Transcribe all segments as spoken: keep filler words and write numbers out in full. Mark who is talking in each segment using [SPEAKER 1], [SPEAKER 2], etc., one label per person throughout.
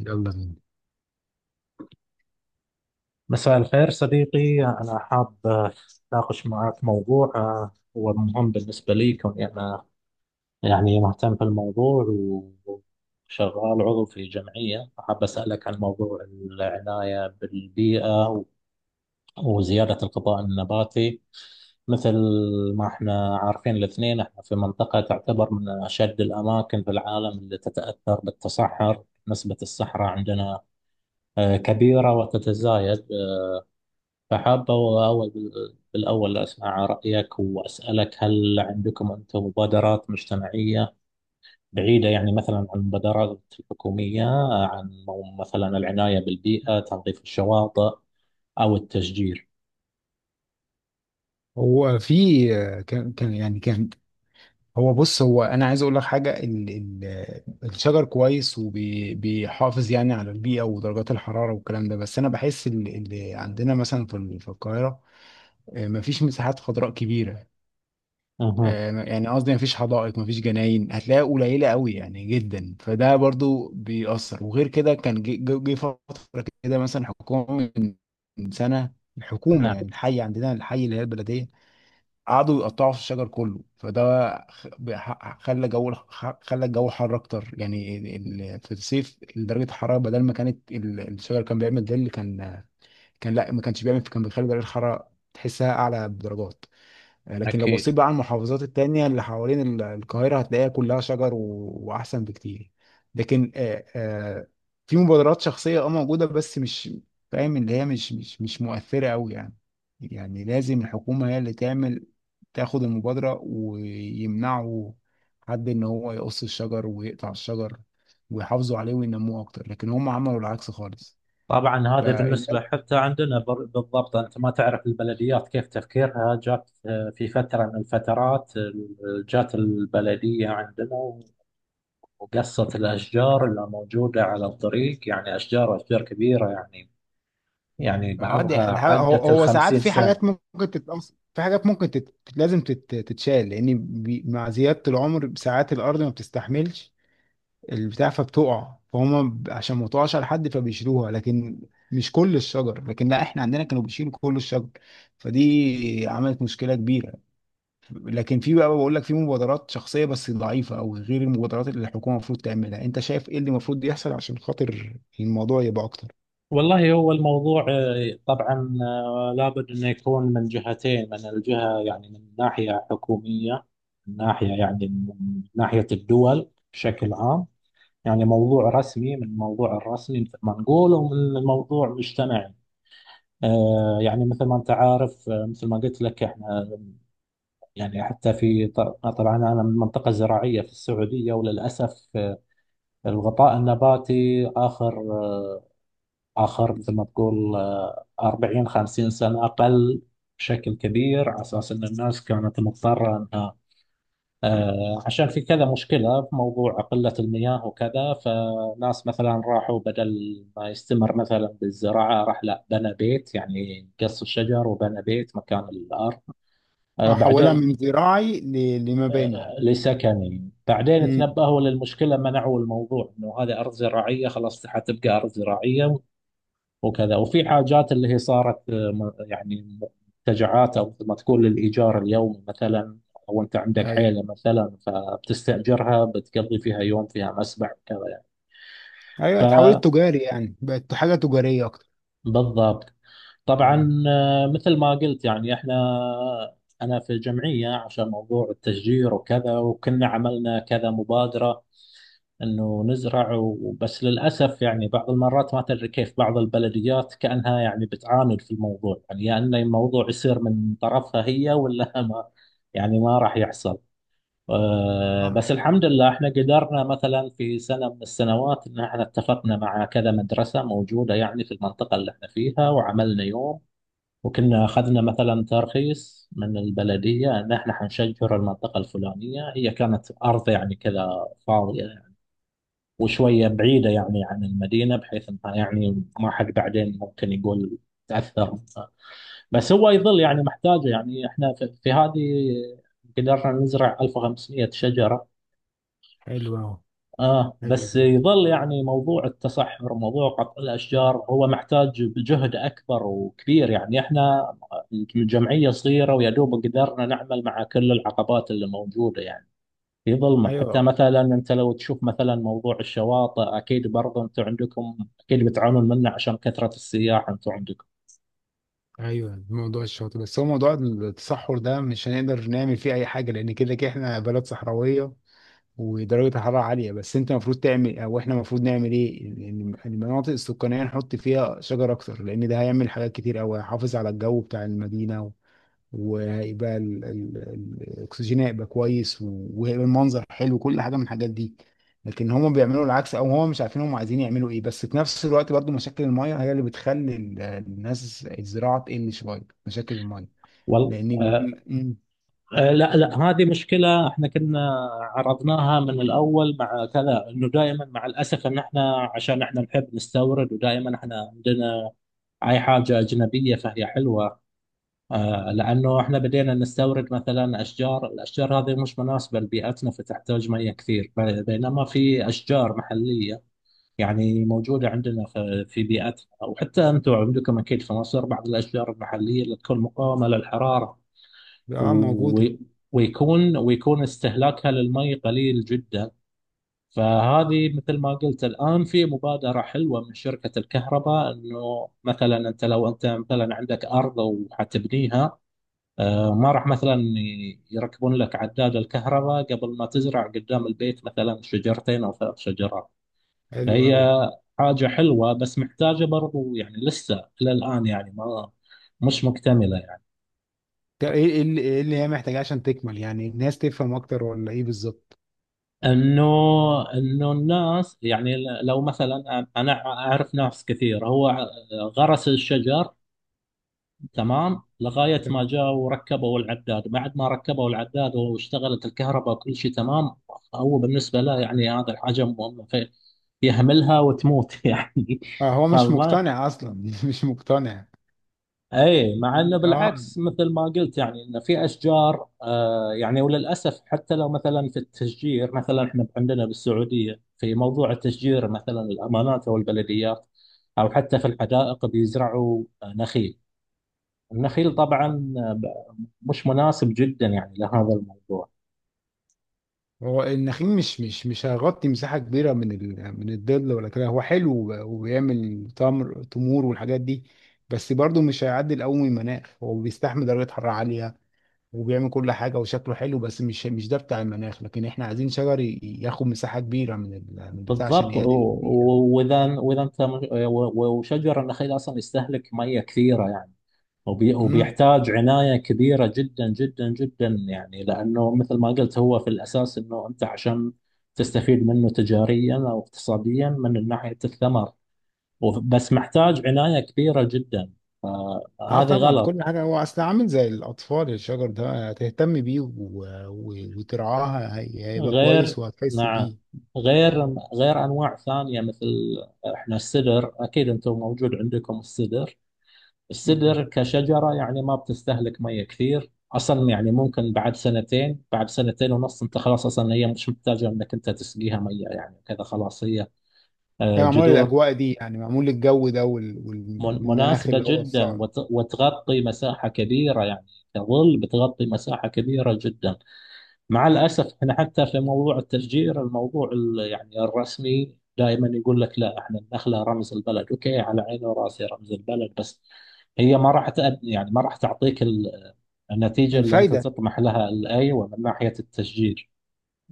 [SPEAKER 1] يلا بينا.
[SPEAKER 2] مساء الخير صديقي، أنا حاب آه، أتناقش معك موضوع آه، هو مهم بالنسبة لي، كوني أنا يعني مهتم في الموضوع و- وشغال عضو في جمعية. حاب أسألك عن موضوع العناية بالبيئة و- وزيادة الغطاء النباتي، مثل ما احنا عارفين الاثنين. احنا في منطقة تعتبر من أشد الأماكن في العالم اللي تتأثر بالتصحر. نسبة الصحراء عندنا آه، كبيرة وتتزايد. فحابة أول بالأول أسمع رأيك، وأسألك هل عندكم أنتم مبادرات مجتمعية بعيدة، يعني مثلا عن المبادرات الحكومية، عن مو- مثلا العناية بالبيئة، تنظيف الشواطئ أو التشجير؟
[SPEAKER 1] هو في آه، كان كان يعني كان هو بص هو انا عايز اقول لك حاجه. ال ال الشجر كويس وبيحافظ يعني على البيئه ودرجات الحراره والكلام ده. بس انا بحس ال- اللي عندنا مثلا في ال- في القاهره آه، مفيش مساحات خضراء كبيره.
[SPEAKER 2] أها.
[SPEAKER 1] آه، يعني قصدي مفيش حدائق، مفيش جناين، هتلاقيها قليله قوي يعني جدا، فده برضو بيأثر. وغير كده كان جه جه- جه فتره كده، مثلا حكومه من من سنه، الحكومه
[SPEAKER 2] نعم.
[SPEAKER 1] يعني الحي عندنا، الحي اللي هي البلديه، قعدوا يقطعوا في الشجر كله. فده خ- ح- خلى جو الح- ح- خلى الجو حر اكتر، يعني ال- ال- في الصيف درجه الحراره، بدل ما كانت ال- الشجر كان بيعمل ظل، كان كان لا ما كانش بيعمل، كان بيخلي درجه الحراره تحسها اعلى بدرجات. آه، لكن لو بصيت
[SPEAKER 2] أكيد.
[SPEAKER 1] بقى على المحافظات التانية اللي حوالين ال- القاهرة، هتلاقيها كلها شجر و... وأحسن بكتير. لكن آه آه في مبادرات شخصية اه موجودة، بس مش فاهم اللي هي مش مش مش مؤثرة أوي يعني. يعني لازم الحكومة هي اللي تعمل، تاخد المبادرة، ويمنعوا حد إن هو يقص الشجر ويقطع الشجر، ويحافظوا عليه وينموه أكتر. لكن هم عملوا العكس خالص.
[SPEAKER 2] طبعا، هذا
[SPEAKER 1] فالناس
[SPEAKER 2] بالنسبة حتى عندنا بر- بالضبط. أنت ما تعرف البلديات كيف تفكيرها. جات آه، في فترة من الفترات، آه، جات البلدية عندنا، وقصة الأشجار اللي موجودة على الطريق، يعني أشجار أشجار كبيرة، يعني يعني
[SPEAKER 1] اه
[SPEAKER 2] بعضها
[SPEAKER 1] دي الح- هو
[SPEAKER 2] عدت
[SPEAKER 1] هو ساعات
[SPEAKER 2] الخمسين
[SPEAKER 1] في
[SPEAKER 2] سنة.
[SPEAKER 1] حاجات ممكن تتأثر، في حاجات ممكن تت... تت- لازم تت... تتشال، لان بي... مع زيادة العمر ساعات الارض ما بتستحملش البتاع فبتقع. فهم ب- عشان ما تقعش على حد، فبيشيلوها. لكن مش كل الشجر، لكن لا احنا عندنا كانوا بيشيلوا كل الشجر، فدي عملت مشكلة كبيرة. لكن في بقى، بقول لك في مبادرات شخصية بس ضعيفة، او غير المبادرات اللي الحكومة المفروض تعملها. انت شايف ايه اللي المفروض يحصل عشان خاطر الموضوع يبقى اكتر؟
[SPEAKER 2] والله، هو الموضوع آه، طبعا آه، لابد أنه يكون من جهتين. من الجهة يعني من ناحية حكومية، من ناحية يعني من ناحية الدول بشكل عام. يعني موضوع رسمي، من الموضوع الرسمي مثل ما نقول، ومن الموضوع مجتمعي. آه، يعني مثل ما أنت عارف، آه، مثل ما قلت لك، إحنا يعني حتى في ط- طبعا أنا من منطقة زراعية في السعودية. وللأسف آه، الغطاء النباتي آخر آه، آخر مثل ما تقول آه، أربعين خمسين سنة أقل بشكل كبير، على أساس أن الناس كانت مضطرة أنها آه، عشان في كذا مشكلة في موضوع قلة المياه وكذا. فناس مثلا راحوا، بدل ما يستمر مثلا بالزراعة، راح لا، بنى بيت، يعني قص الشجر وبنى بيت مكان الأرض. آه،
[SPEAKER 1] احولها
[SPEAKER 2] بعدين
[SPEAKER 1] من زراعي ل... لمباني.
[SPEAKER 2] لسكني. بعدين
[SPEAKER 1] امم.
[SPEAKER 2] تنبهوا للمشكلة، منعوا الموضوع، انه هذه ارض زراعية خلاص حتبقى ارض زراعية وكذا. وفي حاجات اللي هي صارت آه، م- يعني منتجعات، او ما تقول للايجار اليومي مثلا، او انت عندك
[SPEAKER 1] ايوه
[SPEAKER 2] عيلة مثلا، فبتستأجرها، بتقضي فيها يوم، فيها مسبح وكذا يعني.
[SPEAKER 1] ايوه اتحولت تجاري، يعني بقت حاجه تجاريه اكتر.
[SPEAKER 2] فبالضبط.
[SPEAKER 1] مم.
[SPEAKER 2] طبعا آه، مثل ما قلت يعني احنا، انا في جمعية عشان موضوع التشجير وكذا، وكنا عملنا كذا مبادرة انه نزرع و- بس للاسف يعني بعض المرات ما تدري كيف بعض البلديات كانها يعني بتعاند في الموضوع، يعني يا انه الموضوع يصير من طرفها هي، ولا ما يعني ما راح يحصل. آه،
[SPEAKER 1] اه.
[SPEAKER 2] بس الحمد لله، احنا قدرنا مثلا في سنه من السنوات ان احنا اتفقنا مع كذا مدرسه موجوده يعني في المنطقه اللي احنا فيها، وعملنا يوم، وكنا اخذنا مثلا ترخيص من البلديه ان احنا حنشجر المنطقه الفلانيه. هي كانت ارض يعني كذا فاضيه، وشوية بعيدة يعني عن المدينة، بحيث انها يعني ما حد بعدين ممكن يقول تأثر. بس هو يظل يعني محتاجة، يعني احنا في, في هذه قدرنا نزرع ألف وخمسمية شجرة.
[SPEAKER 1] حلو اهو.
[SPEAKER 2] اه،
[SPEAKER 1] حلو
[SPEAKER 2] بس
[SPEAKER 1] جدا.
[SPEAKER 2] يظل يعني موضوع التصحر، موضوع قطع الأشجار، هو محتاج بجهد أكبر وكبير. يعني احنا الجمعية صغيرة، ويا دوب قدرنا نعمل مع كل العقبات اللي موجودة يعني في ظلمة. حتى
[SPEAKER 1] ايوه
[SPEAKER 2] مثلا أنت لو تشوف مثلا موضوع الشواطئ، أكيد برضه أنتم عندكم، أكيد بتعانون منه عشان كثرة السياح أنتم عندكم.
[SPEAKER 1] ايوه موضوع الشاطئ. بس هو موضوع التصحر ده مش هنقدر نعمل فيه اي حاجه، لان كده كده احنا بلد صحراويه ودرجه الحراره عاليه. بس انت المفروض تعمل او احنا المفروض نعمل ايه؟ إن- إن المناطق السكانيه نحط فيها شجر اكتر، لان ده هيعمل حاجات كتير قوي، هيحافظ على الجو بتاع المدينه، وهيبقى ال- ال- ال- الاكسجين هيبقى كويس، و- وهيبقى المنظر حلو، كل حاجه من الحاجات دي. لكن هم بيعملوا العكس، او هم مش عارفين هم عايزين يعملوا ايه. بس في نفس الوقت برضو مشاكل الميه هي اللي بتخلي ال- الناس الزراعه تقل شويه، مشاكل الميه.
[SPEAKER 2] والله.
[SPEAKER 1] لان
[SPEAKER 2] آه.
[SPEAKER 1] بيقول مم.
[SPEAKER 2] آه. لا، لا، هذه مشكلة. احنا كنا عرضناها من الأول مع كذا، أنه دائما مع الأسف أن احنا عشان احنا نحب نستورد، ودائما احنا عندنا أي حاجة أجنبية فهي حلوة. آه، لأنه احنا بدينا نستورد مثلا أشجار الأشجار هذه مش مناسبة لبيئتنا، فتحتاج مياه كثير، ب- بينما في أشجار محلية، يعني موجودة عندنا في في بيئتنا. وحتى أنتم عندكم أكيد في مصر بعض الأشجار المحلية اللي تكون مقاومة للحرارة،
[SPEAKER 1] اه،
[SPEAKER 2] و...
[SPEAKER 1] موجوده.
[SPEAKER 2] ويكون ويكون استهلاكها للمي قليل جدا. فهذه مثل ما قلت، الآن في مبادرة حلوة من شركة الكهرباء، أنه مثلا أنت لو أنت مثلا عندك أرض وحتبنيها، آه، ما راح مثلا ي- يركبون لك عداد الكهرباء قبل ما تزرع قدام البيت مثلا شجرتين أو ثلاث شجرات.
[SPEAKER 1] حلو قوي.
[SPEAKER 2] فهي حاجة حلوة، بس محتاجة برضو، يعني لسه إلى الآن يعني ما مش مكتملة يعني.
[SPEAKER 1] طب ايه إيه اللي إيه اللي هي محتاجاه عشان تكمل؟ يعني الناس تفهم اكتر ولا ايه بالظبط؟
[SPEAKER 2] إنه إنه الناس يعني ل- لو مثلا أنا أعرف ناس كثير، هو غرس الشجر تمام لغاية ما جاء وركبوا العداد. بعد ما ركبوا العداد واشتغلت الكهرباء وكل شيء تمام، هو بالنسبة له يعني هذا الحاجة مهمة في- يهملها وتموت يعني.
[SPEAKER 1] اه، هو مش
[SPEAKER 2] فما
[SPEAKER 1] مقتنع اصلا. مش مقتنع.
[SPEAKER 2] اي، مع انه
[SPEAKER 1] اه،
[SPEAKER 2] بالعكس مثل ما قلت، يعني انه في اشجار آه يعني، وللاسف حتى لو مثلا في التشجير، مثلا احنا عندنا بالسعوديه في موضوع التشجير، مثلا الامانات او البلديات، او حتى في الحدائق بيزرعوا آه، نخيل. النخيل طبعا آه، ب- مش مناسب جدا يعني لهذا الموضوع.
[SPEAKER 1] هو النخيل مش مش مش هيغطي مساحة كبيرة من ال... من الظل ولا كده. هو حلو، وب- وبيعمل تمر، تمور والحاجات دي، بس برضه مش هيعدل قوي من المناخ. هو بيستحمل درجة حرارة عالية وبيعمل كل حاجة وشكله حلو، بس مش مش ده بتاع المناخ. لكن احنا عايزين شجر ي- ياخد مساحة كبيرة من ال... من البتاع عشان
[SPEAKER 2] بالضبط. و-
[SPEAKER 1] يعادل البيئة.
[SPEAKER 2] و- واذا واذا انت مش- و- و- وشجر النخيل اصلا يستهلك ميه كثيره يعني. وبي
[SPEAKER 1] امم.
[SPEAKER 2] وبيحتاج عناية كبيرة جدا جدا جدا، يعني لأنه مثل ما قلت هو في الأساس أنه أنت عشان تستفيد منه تجاريا أو اقتصاديا من ناحية الثمر. وف- بس محتاج عناية كبيرة جدا.
[SPEAKER 1] اه
[SPEAKER 2] فهذه
[SPEAKER 1] طبعا،
[SPEAKER 2] غلط.
[SPEAKER 1] كل حاجة هو اصل عامل زي الأطفال. الشجر ده هتهتم بيه و... و... وترعاه، هي- هيبقى
[SPEAKER 2] غير.
[SPEAKER 1] كويس وهتحس
[SPEAKER 2] نعم.
[SPEAKER 1] بيه.
[SPEAKER 2] غير غير أنواع ثانية، مثل إحنا السدر. أكيد أنتم موجود عندكم السدر. السدر كشجرة يعني ما بتستهلك مية كثير أصلا، يعني ممكن بعد سنتين بعد سنتين ونص أنت خلاص، أصلا هي مش محتاجة أنك أنت تسقيها مية يعني كذا، خلاص هي آه،
[SPEAKER 1] هي معمولة
[SPEAKER 2] جذور
[SPEAKER 1] للأجواء دي، يعني معمول للجو ده وال-
[SPEAKER 2] من-
[SPEAKER 1] والمناخ
[SPEAKER 2] مناسبة
[SPEAKER 1] اللي هو
[SPEAKER 2] جدا،
[SPEAKER 1] الصعب.
[SPEAKER 2] وت- وتغطي مساحة كبيرة، يعني كظل بتغطي مساحة كبيرة جدا. مع الأسف احنا حتى في موضوع التشجير، الموضوع ال- يعني الرسمي دائما يقول لك لا، احنا النخلة رمز البلد. اوكي، على عيني وراسي رمز البلد، بس هي ما راح تأدي، يعني ما راح تعطيك ال- النتيجة اللي انت
[SPEAKER 1] الفايدة.
[SPEAKER 2] تطمح لها الآيوة من ناحية التشجير.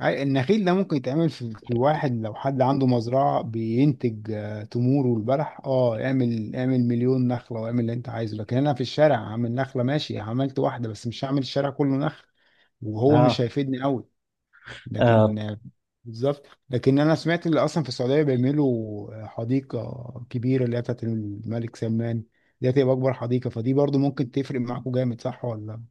[SPEAKER 1] عي- النخيل ده ممكن يتعمل في, في واحد لو حد عنده مزرعة بينتج آه، تمور والبلح. اه، اعمل اعمل مليون نخلة واعمل اللي انت عايزه. لكن انا في الشارع عامل نخلة، ماشي عملت واحدة، بس مش هعمل الشارع كله نخل، وهو مش
[SPEAKER 2] اه.
[SPEAKER 1] هيفيدني قوي.
[SPEAKER 2] آه،
[SPEAKER 1] لكن بالظبط. لكن انا سمعت اللي اصلا في السعوديه بيعملوا حديقه كبيره اللي هي بتاعت الملك سلمان، دي هتبقى اكبر حديقه، فدي برضو ممكن تفرق معاكم جامد، صح ولا؟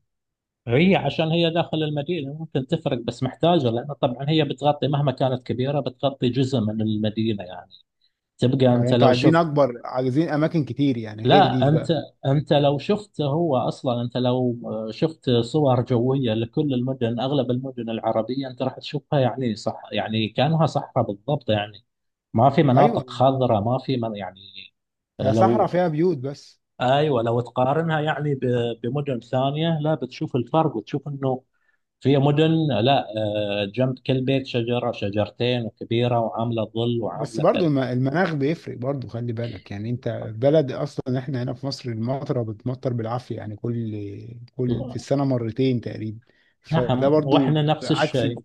[SPEAKER 2] هي عشان هي داخل المدينة ممكن تفرق، بس محتاجة، لأن طبعا هي بتغطي، مهما كانت كبيرة بتغطي جزء من المدينة يعني. تبقى
[SPEAKER 1] يعني
[SPEAKER 2] أنت
[SPEAKER 1] انتوا
[SPEAKER 2] لو
[SPEAKER 1] عايزين
[SPEAKER 2] شفت،
[SPEAKER 1] اكبر، عايزين اماكن كتير يعني غير
[SPEAKER 2] لا،
[SPEAKER 1] دي
[SPEAKER 2] انت
[SPEAKER 1] بقى.
[SPEAKER 2] انت لو شفت هو اصلا، انت لو آه، شفت صور جويه لكل المدن، اغلب المدن العربيه انت راح تشوفها يعني صح، يعني كانها صحراء بالضبط، يعني ما في
[SPEAKER 1] ايوه،
[SPEAKER 2] مناطق خضراء، ما في من يعني.
[SPEAKER 1] يا صحراء
[SPEAKER 2] لو.
[SPEAKER 1] فيها بيوت بس.
[SPEAKER 2] ايوه. لو تقارنها يعني ب- بمدن ثانيه، لا، بتشوف الفرق وتشوف انه في مدن، لا، آه، جنب كل بيت شجره شجرتين وكبيره وعامله ظل
[SPEAKER 1] بس
[SPEAKER 2] وعامله
[SPEAKER 1] برضو
[SPEAKER 2] كذا.
[SPEAKER 1] الم- المناخ بيفرق برضو، خلي بالك. يعني انت بلد، اصلا احنا هنا في مصر المطره بتمطر بالعافيه، يعني كل كل في السنه مرتين تقريبا، فده
[SPEAKER 2] نعم.
[SPEAKER 1] برضو
[SPEAKER 2] واحنا نفس
[SPEAKER 1] عكس.
[SPEAKER 2] الشيء.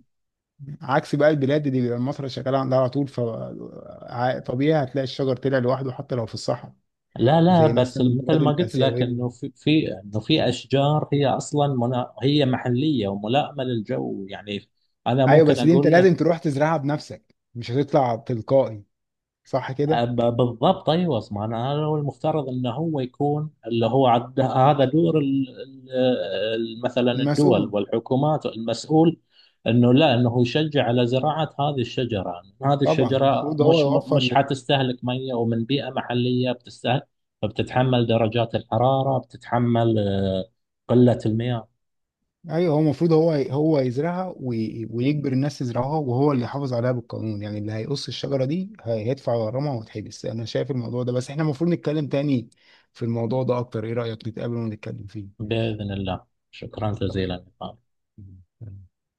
[SPEAKER 1] عكس بقى البلاد دي بيبقى المصري شغال عندها على طول، فطبيعي هتلاقي الشجر طلع لوحده حتى لو في الصحراء،
[SPEAKER 2] لا، لا،
[SPEAKER 1] زي
[SPEAKER 2] بس
[SPEAKER 1] مثلا
[SPEAKER 2] مثل
[SPEAKER 1] البلاد
[SPEAKER 2] ما قلت لك
[SPEAKER 1] الآسيوية.
[SPEAKER 2] انه في في انه في اشجار، هي اصلا منا، هي محليه وملائمه للجو يعني. انا
[SPEAKER 1] أيوة
[SPEAKER 2] ممكن
[SPEAKER 1] بس دي أنت
[SPEAKER 2] اقول لك
[SPEAKER 1] لازم تروح تزرعها بنفسك، مش هتطلع تلقائي، صح
[SPEAKER 2] أب-
[SPEAKER 1] كده؟
[SPEAKER 2] بالضبط. ايوه. اسمع، انا هذا هو المفترض انه هو يكون اللي هو عد، هذا دور ال- ال- ال- مثلا الدول
[SPEAKER 1] المسؤول.
[SPEAKER 2] والحكومات المسؤول. انه لا، انه يشجع على زراعه هذه الشجره، هذه
[SPEAKER 1] طبعا
[SPEAKER 2] الشجره
[SPEAKER 1] المفروض هو
[SPEAKER 2] مش
[SPEAKER 1] يوفر
[SPEAKER 2] مش
[SPEAKER 1] ل...
[SPEAKER 2] حتستهلك ميه، ومن بيئه محليه بتستهلك. فبتتحمل درجات الحراره، بتتحمل آه، قله المياه.
[SPEAKER 1] ايوه. هو المفروض هو هو يزرعها وي... ويجبر الناس تزرعها، وهو اللي يحافظ عليها بالقانون. يعني اللي هيقص الشجره دي هي- هيدفع غرامه ويتحبس، انا شايف الموضوع ده. بس احنا المفروض نتكلم تاني في الموضوع ده اكتر، ايه رايك نتقابل ونتكلم
[SPEAKER 2] باذن الله. شكرا جزيلا.
[SPEAKER 1] فيه؟